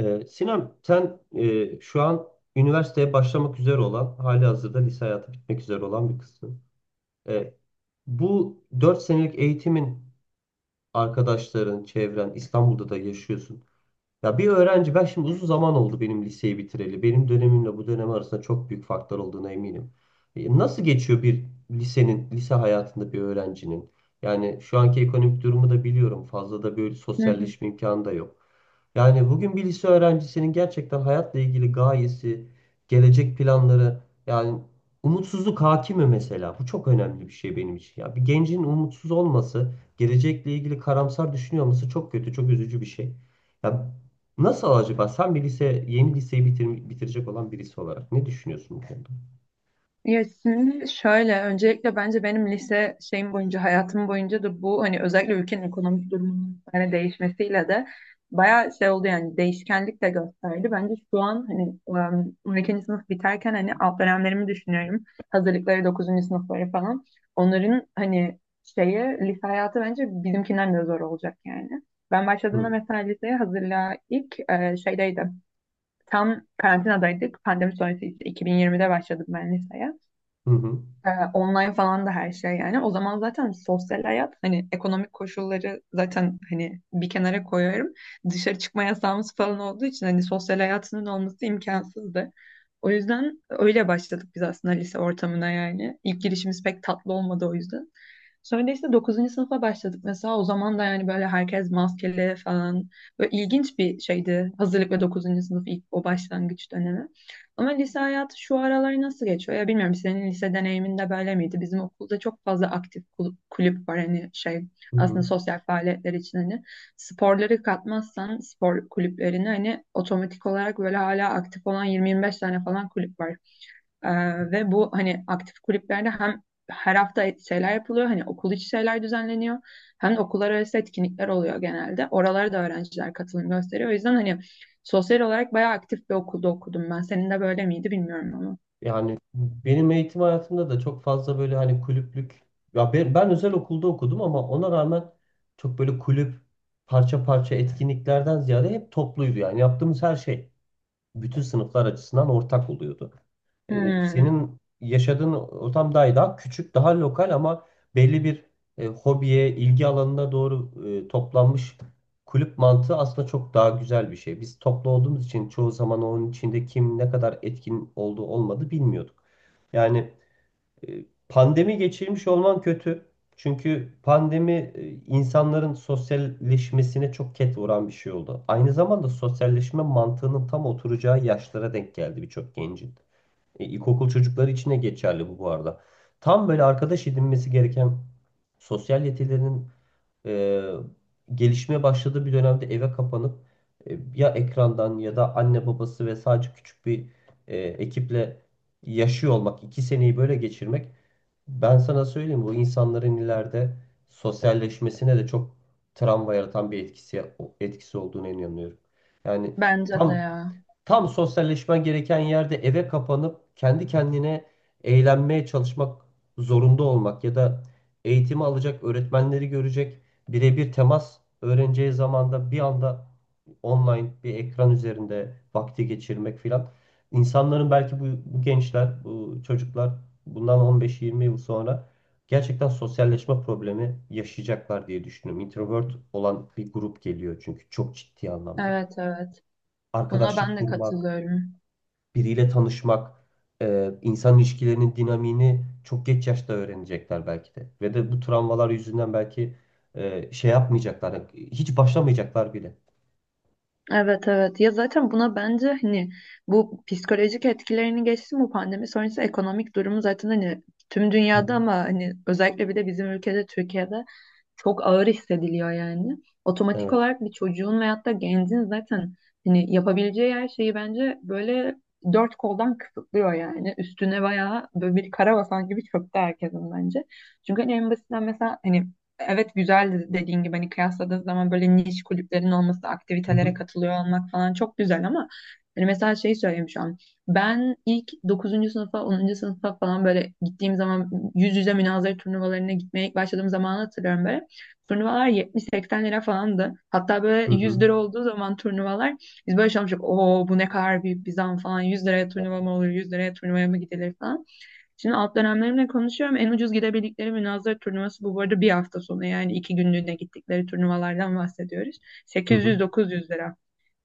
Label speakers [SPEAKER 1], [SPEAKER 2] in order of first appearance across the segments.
[SPEAKER 1] Sinem, sen şu an üniversiteye başlamak üzere olan, halihazırda lise hayatı bitmek üzere olan bir kızsın. Ee, bu 4 senelik eğitimin arkadaşların, çevren, İstanbul'da da yaşıyorsun. Ya bir öğrenci ben şimdi uzun zaman oldu benim liseyi bitireli. Benim dönemimle bu dönem arasında çok büyük farklar olduğuna eminim. Nasıl geçiyor bir lisenin, lise hayatında bir öğrencinin? Yani şu anki ekonomik durumu da biliyorum. Fazla da böyle
[SPEAKER 2] Hı hı.
[SPEAKER 1] sosyalleşme imkanı da yok. Yani bugün bir lise öğrencisinin gerçekten hayatla ilgili gayesi, gelecek planları, yani umutsuzluk hakim mi mesela? Bu çok önemli bir şey benim için. Ya bir gencin umutsuz olması, gelecekle ilgili karamsar düşünüyor olması çok kötü, çok üzücü bir şey. Ya nasıl acaba? Sen bir lise, yeni liseyi bitirecek olan birisi olarak ne düşünüyorsun bu konuda?
[SPEAKER 2] Ya şimdi şöyle öncelikle bence benim lise şeyim boyunca hayatım boyunca da bu hani özellikle ülkenin ekonomik durumunun hani değişmesiyle de bayağı şey oldu yani değişkenlik de gösterdi. Bence şu an hani 12. sınıf biterken hani alt dönemlerimi düşünüyorum. Hazırlıkları dokuzuncu sınıfları falan. Onların hani şeyi lise hayatı bence bizimkinden de zor olacak yani. Ben başladığımda
[SPEAKER 1] Hı,
[SPEAKER 2] mesela liseye hazırlığa ilk şeydeydi. Tam karantinadaydık. Pandemi sonrası işte 2020'de başladık ben liseye.
[SPEAKER 1] hı, hı,
[SPEAKER 2] Online falan da her şey yani. O zaman zaten sosyal hayat hani ekonomik koşulları zaten hani bir kenara koyuyorum. Dışarı çıkma yasağımız falan olduğu için hani sosyal hayatının olması imkansızdı. O yüzden öyle başladık biz aslında lise ortamına yani. İlk girişimiz pek tatlı olmadı o yüzden. Sonra işte dokuzuncu sınıfa başladık mesela. O zaman da yani böyle herkes maskeli falan. Böyle ilginç bir şeydi. Hazırlık ve 9. sınıf ilk o başlangıç dönemi. Ama lise hayatı şu aralar nasıl geçiyor? Ya bilmiyorum senin lise deneyiminde böyle miydi? Bizim okulda çok fazla aktif kulüp var. Hani şey
[SPEAKER 1] hı.
[SPEAKER 2] aslında
[SPEAKER 1] hı.
[SPEAKER 2] sosyal faaliyetler için hani sporları katmazsan spor kulüplerini hani otomatik olarak böyle hala aktif olan yirmi yirmi beş tane falan kulüp var. Ve bu hani aktif kulüplerde hem her hafta şeyler yapılıyor hani okul içi şeyler düzenleniyor hem de okullar arası etkinlikler oluyor genelde. Oralara da öğrenciler katılım gösteriyor. O yüzden hani sosyal olarak bayağı aktif bir okulda okudum ben. Senin de böyle miydi bilmiyorum ama.
[SPEAKER 1] Yani benim eğitim hayatımda da çok fazla böyle hani kulüplük ya ben özel okulda okudum ama ona rağmen çok böyle kulüp parça parça etkinliklerden ziyade hep topluydu yani yaptığımız her şey. Bütün sınıflar açısından ortak oluyordu. E,
[SPEAKER 2] Hmm.
[SPEAKER 1] senin yaşadığın ortam daha küçük, daha lokal ama belli bir hobiye, ilgi alanına doğru toplanmış kulüp mantığı aslında çok daha güzel bir şey. Biz toplu olduğumuz için çoğu zaman onun içinde kim ne kadar etkin olduğu olmadı bilmiyorduk. Yani pandemi geçirmiş olman kötü. Çünkü pandemi insanların sosyalleşmesine çok ket vuran bir şey oldu. Aynı zamanda sosyalleşme mantığının tam oturacağı yaşlara denk geldi birçok gencin. İlkokul çocukları için de geçerli bu, bu arada. Tam böyle arkadaş edinmesi gereken sosyal yetilerinin e, gelişmeye başladığı bir dönemde eve kapanıp ya ekrandan ya da anne babası ve sadece küçük bir ekiple yaşıyor olmak, iki seneyi böyle geçirmek, ben sana söyleyeyim, bu insanların ileride sosyalleşmesine de çok travma yaratan bir etkisi olduğunu inanıyorum. Yani
[SPEAKER 2] Bence de
[SPEAKER 1] tam
[SPEAKER 2] ya.
[SPEAKER 1] Tam sosyalleşmen gereken yerde eve kapanıp kendi kendine eğlenmeye çalışmak zorunda olmak ya da eğitimi alacak, öğretmenleri görecek, birebir temas öğreneceği zamanda bir anda online bir ekran üzerinde vakti geçirmek filan. İnsanların belki bu, bu gençler, bu çocuklar bundan 15-20 yıl sonra gerçekten sosyalleşme problemi yaşayacaklar diye düşünüyorum. Introvert olan bir grup geliyor çünkü, çok ciddi anlamda.
[SPEAKER 2] Evet, evet. Buna
[SPEAKER 1] Arkadaşlık
[SPEAKER 2] ben de
[SPEAKER 1] kurmak,
[SPEAKER 2] katılıyorum.
[SPEAKER 1] biriyle tanışmak, insan ilişkilerinin dinamiğini çok geç yaşta öğrenecekler belki de. Ve de bu travmalar yüzünden belki şey yapmayacaklar, hiç başlamayacaklar bile.
[SPEAKER 2] Evet, evet. Ya zaten buna bence hani bu psikolojik etkilerini geçtim bu pandemi sonrası ekonomik durumu zaten hani tüm
[SPEAKER 1] Hı
[SPEAKER 2] dünyada
[SPEAKER 1] hı.
[SPEAKER 2] ama hani özellikle bir de bizim ülkede Türkiye'de çok ağır hissediliyor yani. Otomatik
[SPEAKER 1] Evet.
[SPEAKER 2] olarak bir çocuğun veyahut da gencin zaten hani yapabileceği her şeyi bence böyle dört koldan kısıtlıyor yani. Üstüne bayağı böyle bir kara basan gibi çöktü herkesin bence. Çünkü hani en basitinden mesela hani evet güzel dediğin gibi hani kıyasladığın zaman böyle niş kulüplerin olması,
[SPEAKER 1] Hı
[SPEAKER 2] aktivitelere
[SPEAKER 1] hı.
[SPEAKER 2] katılıyor olmak falan çok güzel ama hani mesela şey söyleyeyim şu an. Ben ilk dokuzuncu sınıfa, 10. sınıfa falan böyle gittiğim zaman yüz yüze münazara turnuvalarına gitmeye ilk başladığım zamanı hatırlıyorum böyle. Turnuvalar 70-80 lira falandı. Hatta
[SPEAKER 1] Hı
[SPEAKER 2] böyle 100
[SPEAKER 1] hı.
[SPEAKER 2] lira olduğu zaman turnuvalar biz böyle şey. Oo, bu ne kadar büyük bir zam falan. 100 liraya
[SPEAKER 1] Ya.
[SPEAKER 2] turnuva mı olur? 100 liraya turnuvaya mı gidilir falan. Şimdi alt dönemlerimle konuşuyorum. En ucuz gidebildikleri münazara turnuvası bu. Bu arada bir hafta sonu yani 2 günlüğüne gittikleri turnuvalardan bahsediyoruz.
[SPEAKER 1] Hı hı.
[SPEAKER 2] 800-900 lira.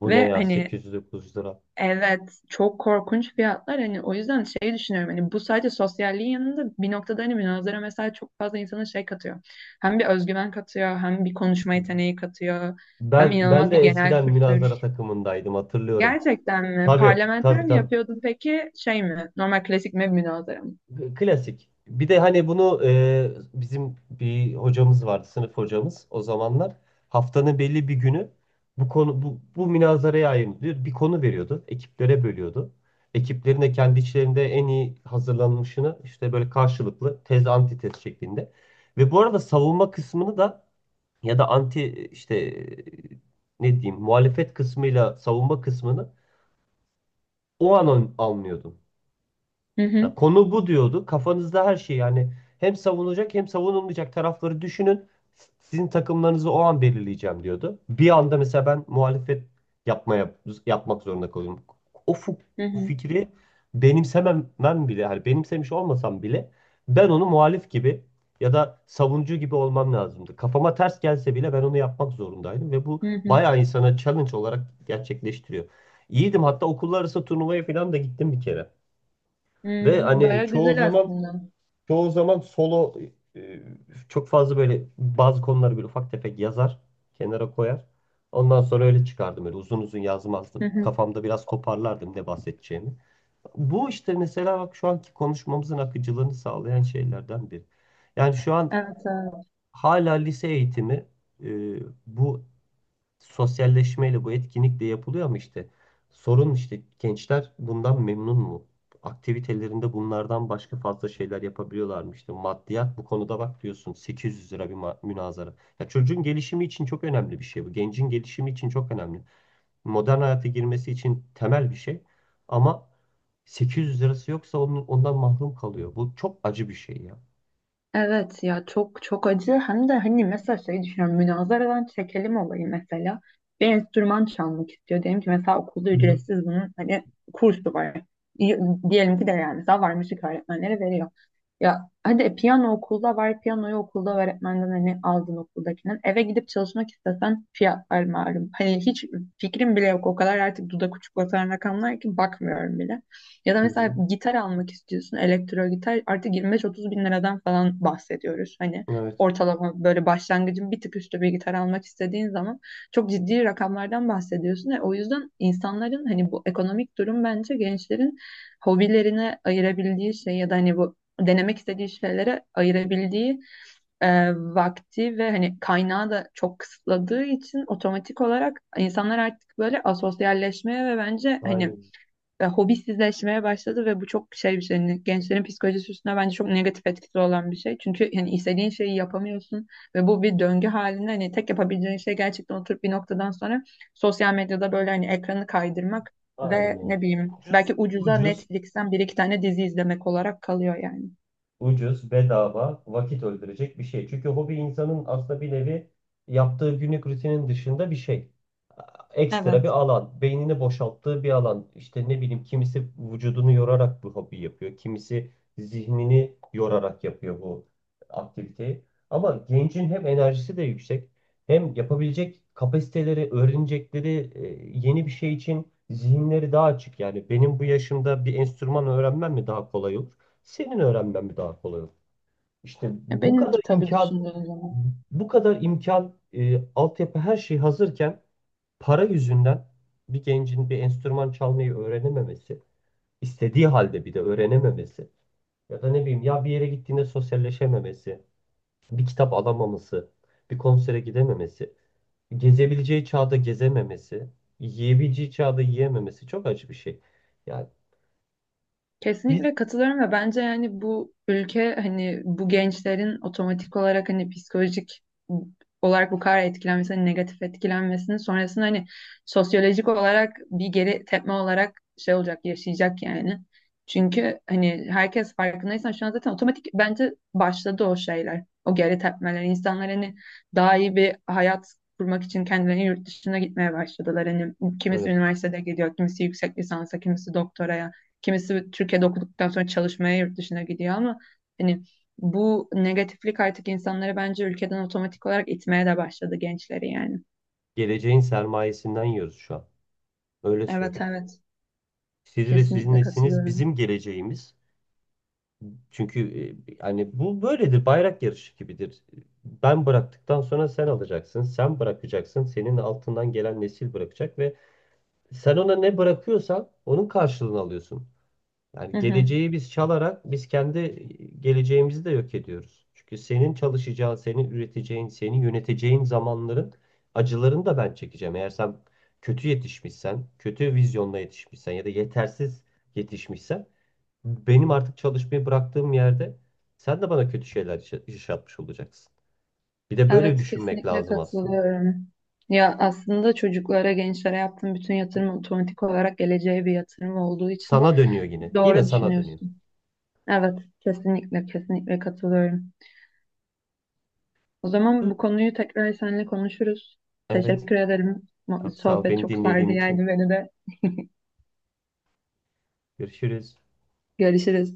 [SPEAKER 1] Bu ne
[SPEAKER 2] Ve
[SPEAKER 1] ya,
[SPEAKER 2] hani,
[SPEAKER 1] 809 lira.
[SPEAKER 2] evet, çok korkunç fiyatlar. Hani o yüzden şey düşünüyorum. Hani bu sadece sosyalliğin yanında bir noktada hani münazara mesela çok fazla insana şey katıyor. Hem bir özgüven katıyor, hem bir konuşma
[SPEAKER 1] Hı hı.
[SPEAKER 2] yeteneği katıyor, hem
[SPEAKER 1] Ben
[SPEAKER 2] inanılmaz bir
[SPEAKER 1] de
[SPEAKER 2] genel
[SPEAKER 1] eskiden münazara
[SPEAKER 2] kültür.
[SPEAKER 1] takımındaydım, hatırlıyorum.
[SPEAKER 2] Gerçekten mi?
[SPEAKER 1] Tabii,
[SPEAKER 2] Parlamenter
[SPEAKER 1] tabii,
[SPEAKER 2] mi
[SPEAKER 1] tabii.
[SPEAKER 2] yapıyordun peki? Şey mi? Normal klasik mi münazara mı?
[SPEAKER 1] Klasik. Bir de hani bunu, bizim bir hocamız vardı, sınıf hocamız o zamanlar. Haftanın belli bir günü bu konu bu münazaraya ayırın diyor. Bir konu veriyordu. Ekiplere bölüyordu. Ekiplerin de kendi içlerinde en iyi hazırlanmışını işte böyle karşılıklı tez antitez şeklinde. Ve bu arada savunma kısmını da ya da anti işte, ne diyeyim, muhalefet kısmıyla savunma kısmını o an anlıyordum.
[SPEAKER 2] Hı hı,
[SPEAKER 1] Ya konu bu diyordu. Kafanızda her şey, yani hem savunulacak hem savunulmayacak tarafları düşünün. Sizin takımlarınızı o an belirleyeceğim diyordu. Bir anda mesela ben muhalefet yapmaya yapmak zorunda kalıyorum. O
[SPEAKER 2] hı hı,
[SPEAKER 1] fikri benimsememem bile, hani benimsemiş olmasam bile ben onu muhalif gibi ya da savunucu gibi olmam lazımdı. Kafama ters gelse bile ben onu yapmak zorundaydım ve bu
[SPEAKER 2] hı hı.
[SPEAKER 1] bayağı insana challenge olarak gerçekleştiriyor. İyiydim, hatta okullar arası turnuvaya falan da gittim bir kere.
[SPEAKER 2] Hı,
[SPEAKER 1] Ve hani
[SPEAKER 2] baya
[SPEAKER 1] çoğu
[SPEAKER 2] güzel
[SPEAKER 1] zaman
[SPEAKER 2] aslında.
[SPEAKER 1] çoğu zaman solo, e, çok fazla böyle bazı konuları böyle ufak tefek yazar, kenara koyar. Ondan sonra öyle çıkardım, öyle uzun uzun
[SPEAKER 2] Hı
[SPEAKER 1] yazmazdım.
[SPEAKER 2] hı.
[SPEAKER 1] Kafamda biraz toparlardım ne bahsedeceğimi. Bu işte mesela bak, şu anki konuşmamızın akıcılığını sağlayan şeylerden biri. Yani şu an
[SPEAKER 2] Evet, evet.
[SPEAKER 1] hala lise eğitimi, e, bu sosyalleşmeyle bu etkinlik de yapılıyor ama işte sorun, işte gençler bundan memnun mu? Aktivitelerinde bunlardan başka fazla şeyler yapabiliyorlar mı? İşte maddiyat bu konuda, bak diyorsun, 800 lira bir münazara. Ya çocuğun gelişimi için çok önemli bir şey bu. Gencin gelişimi için çok önemli. Modern hayata girmesi için temel bir şey ama 800 lirası yoksa onun, ondan mahrum kalıyor. Bu çok acı bir şey ya.
[SPEAKER 2] Evet ya çok çok acı hem de hani mesela şey düşünüyorum münazaradan çekelim olayı mesela bir enstrüman çalmak istiyor diyelim ki mesela okulda
[SPEAKER 1] Hı hı.
[SPEAKER 2] ücretsiz bunun hani kursu var. Y- Diyelim ki de yani mesela var müzik öğretmenleri veriyor ya hadi piyano okulda var piyanoyu okulda öğretmenden hani aldın okuldakinden eve gidip çalışmak istesen fiyatlar malum hani hiç fikrim bile yok o kadar artık dudak uçuklatan rakamlar ki bakmıyorum bile. Ya da
[SPEAKER 1] Hı hı.
[SPEAKER 2] mesela gitar almak istiyorsun, elektro gitar artık 25-30 bin liradan falan bahsediyoruz. Hani
[SPEAKER 1] Evet.
[SPEAKER 2] ortalama böyle başlangıcın bir tık üstü bir gitar almak istediğin zaman çok ciddi rakamlardan bahsediyorsun. O yüzden insanların hani bu ekonomik durum bence gençlerin hobilerine ayırabildiği şey ya da hani bu denemek istediği şeylere ayırabildiği vakti ve hani kaynağı da çok kısıtladığı için otomatik olarak insanlar artık böyle asosyalleşmeye ve bence hani
[SPEAKER 1] Aynen.
[SPEAKER 2] hobisizleşmeye başladı ve bu çok şey bir şey. Yani gençlerin psikolojisi üstüne bence çok negatif etkisi olan bir şey. Çünkü yani istediğin şeyi yapamıyorsun ve bu bir döngü halinde hani tek yapabileceğin şey gerçekten oturup bir noktadan sonra sosyal medyada böyle hani ekranı kaydırmak
[SPEAKER 1] Aynen
[SPEAKER 2] ve
[SPEAKER 1] öyle.
[SPEAKER 2] ne bileyim belki
[SPEAKER 1] Ucuz,
[SPEAKER 2] ucuza
[SPEAKER 1] ucuz.
[SPEAKER 2] Netflix'ten bir iki tane dizi izlemek olarak kalıyor yani.
[SPEAKER 1] Ucuz, bedava, vakit öldürecek bir şey. Çünkü hobi insanın aslında bir nevi yaptığı günlük rutinin dışında bir şey.
[SPEAKER 2] Evet.
[SPEAKER 1] Ekstra bir alan, beynini boşalttığı bir alan. İşte ne bileyim, kimisi vücudunu yorarak bu hobi yapıyor. Kimisi zihnini yorarak yapıyor bu aktiviteyi. Ama gencin hem enerjisi de yüksek, hem yapabilecek kapasiteleri, öğrenecekleri yeni bir şey için zihinleri daha açık. Yani benim bu yaşımda bir enstrüman öğrenmem mi daha kolay olur? Senin öğrenmen mi daha kolay olur? İşte bu kadar
[SPEAKER 2] Benimki tabii
[SPEAKER 1] imkan
[SPEAKER 2] düşündüğün zaman.
[SPEAKER 1] bu kadar imkan altyapı, her şey hazırken para yüzünden bir gencin bir enstrüman çalmayı öğrenememesi, istediği halde bir de öğrenememesi, ya da ne bileyim, ya bir yere gittiğinde sosyalleşememesi, bir kitap alamaması, bir konsere gidememesi, gezebileceği çağda gezememesi, yiyebileceği çağda yiyememesi çok acı bir şey. Yani biz,
[SPEAKER 2] Kesinlikle katılıyorum ve bence yani bu ülke hani bu gençlerin otomatik olarak hani psikolojik olarak bu kadar etkilenmesi, hani negatif etkilenmesinin sonrasında hani sosyolojik olarak bir geri tepme olarak şey olacak, yaşayacak yani. Çünkü hani herkes farkındaysan şu an zaten otomatik bence başladı o şeyler, o geri tepmeler. İnsanlar hani daha iyi bir hayat kurmak için kendilerini yurt dışına gitmeye başladılar. Hani kimisi
[SPEAKER 1] evet,
[SPEAKER 2] üniversitede gidiyor, kimisi yüksek lisansa, kimisi doktoraya. Kimisi Türkiye'de okuduktan sonra çalışmaya yurt dışına gidiyor ama hani bu negatiflik artık insanları bence ülkeden otomatik olarak itmeye de başladı gençleri yani.
[SPEAKER 1] geleceğin sermayesinden yiyoruz şu an. Öyle
[SPEAKER 2] Evet,
[SPEAKER 1] söyleyeyim.
[SPEAKER 2] evet,
[SPEAKER 1] Siz ve sizin
[SPEAKER 2] kesinlikle
[SPEAKER 1] nesliniz bizim
[SPEAKER 2] katılıyorum.
[SPEAKER 1] geleceğimiz. Çünkü hani bu böyledir, bayrak yarışı gibidir. Ben bıraktıktan sonra sen alacaksın, sen bırakacaksın, senin altından gelen nesil bırakacak ve sen ona ne bırakıyorsan onun karşılığını alıyorsun.
[SPEAKER 2] Hı
[SPEAKER 1] Yani
[SPEAKER 2] hı.
[SPEAKER 1] geleceği biz çalarak biz kendi geleceğimizi de yok ediyoruz. Çünkü senin çalışacağın, senin üreteceğin, seni yöneteceğin zamanların acılarını da ben çekeceğim. Eğer sen kötü yetişmişsen, kötü vizyonla yetişmişsen ya da yetersiz yetişmişsen, benim artık çalışmayı bıraktığım yerde sen de bana kötü şeyler yaşatmış olacaksın. Bir de böyle
[SPEAKER 2] Evet,
[SPEAKER 1] düşünmek
[SPEAKER 2] kesinlikle
[SPEAKER 1] lazım aslında.
[SPEAKER 2] katılıyorum. Ya aslında çocuklara, gençlere yaptığım bütün yatırım otomatik olarak geleceğe bir yatırım olduğu için
[SPEAKER 1] Sana dönüyor yine. Yine
[SPEAKER 2] doğru
[SPEAKER 1] sana dönüyor.
[SPEAKER 2] düşünüyorsun. Evet, kesinlikle kesinlikle katılıyorum. O zaman bu konuyu tekrar seninle konuşuruz.
[SPEAKER 1] Evet.
[SPEAKER 2] Teşekkür ederim.
[SPEAKER 1] Çok sağ ol
[SPEAKER 2] Sohbet
[SPEAKER 1] beni
[SPEAKER 2] çok
[SPEAKER 1] dinlediğin
[SPEAKER 2] sardı
[SPEAKER 1] için.
[SPEAKER 2] yani beni de.
[SPEAKER 1] Görüşürüz.
[SPEAKER 2] Görüşürüz.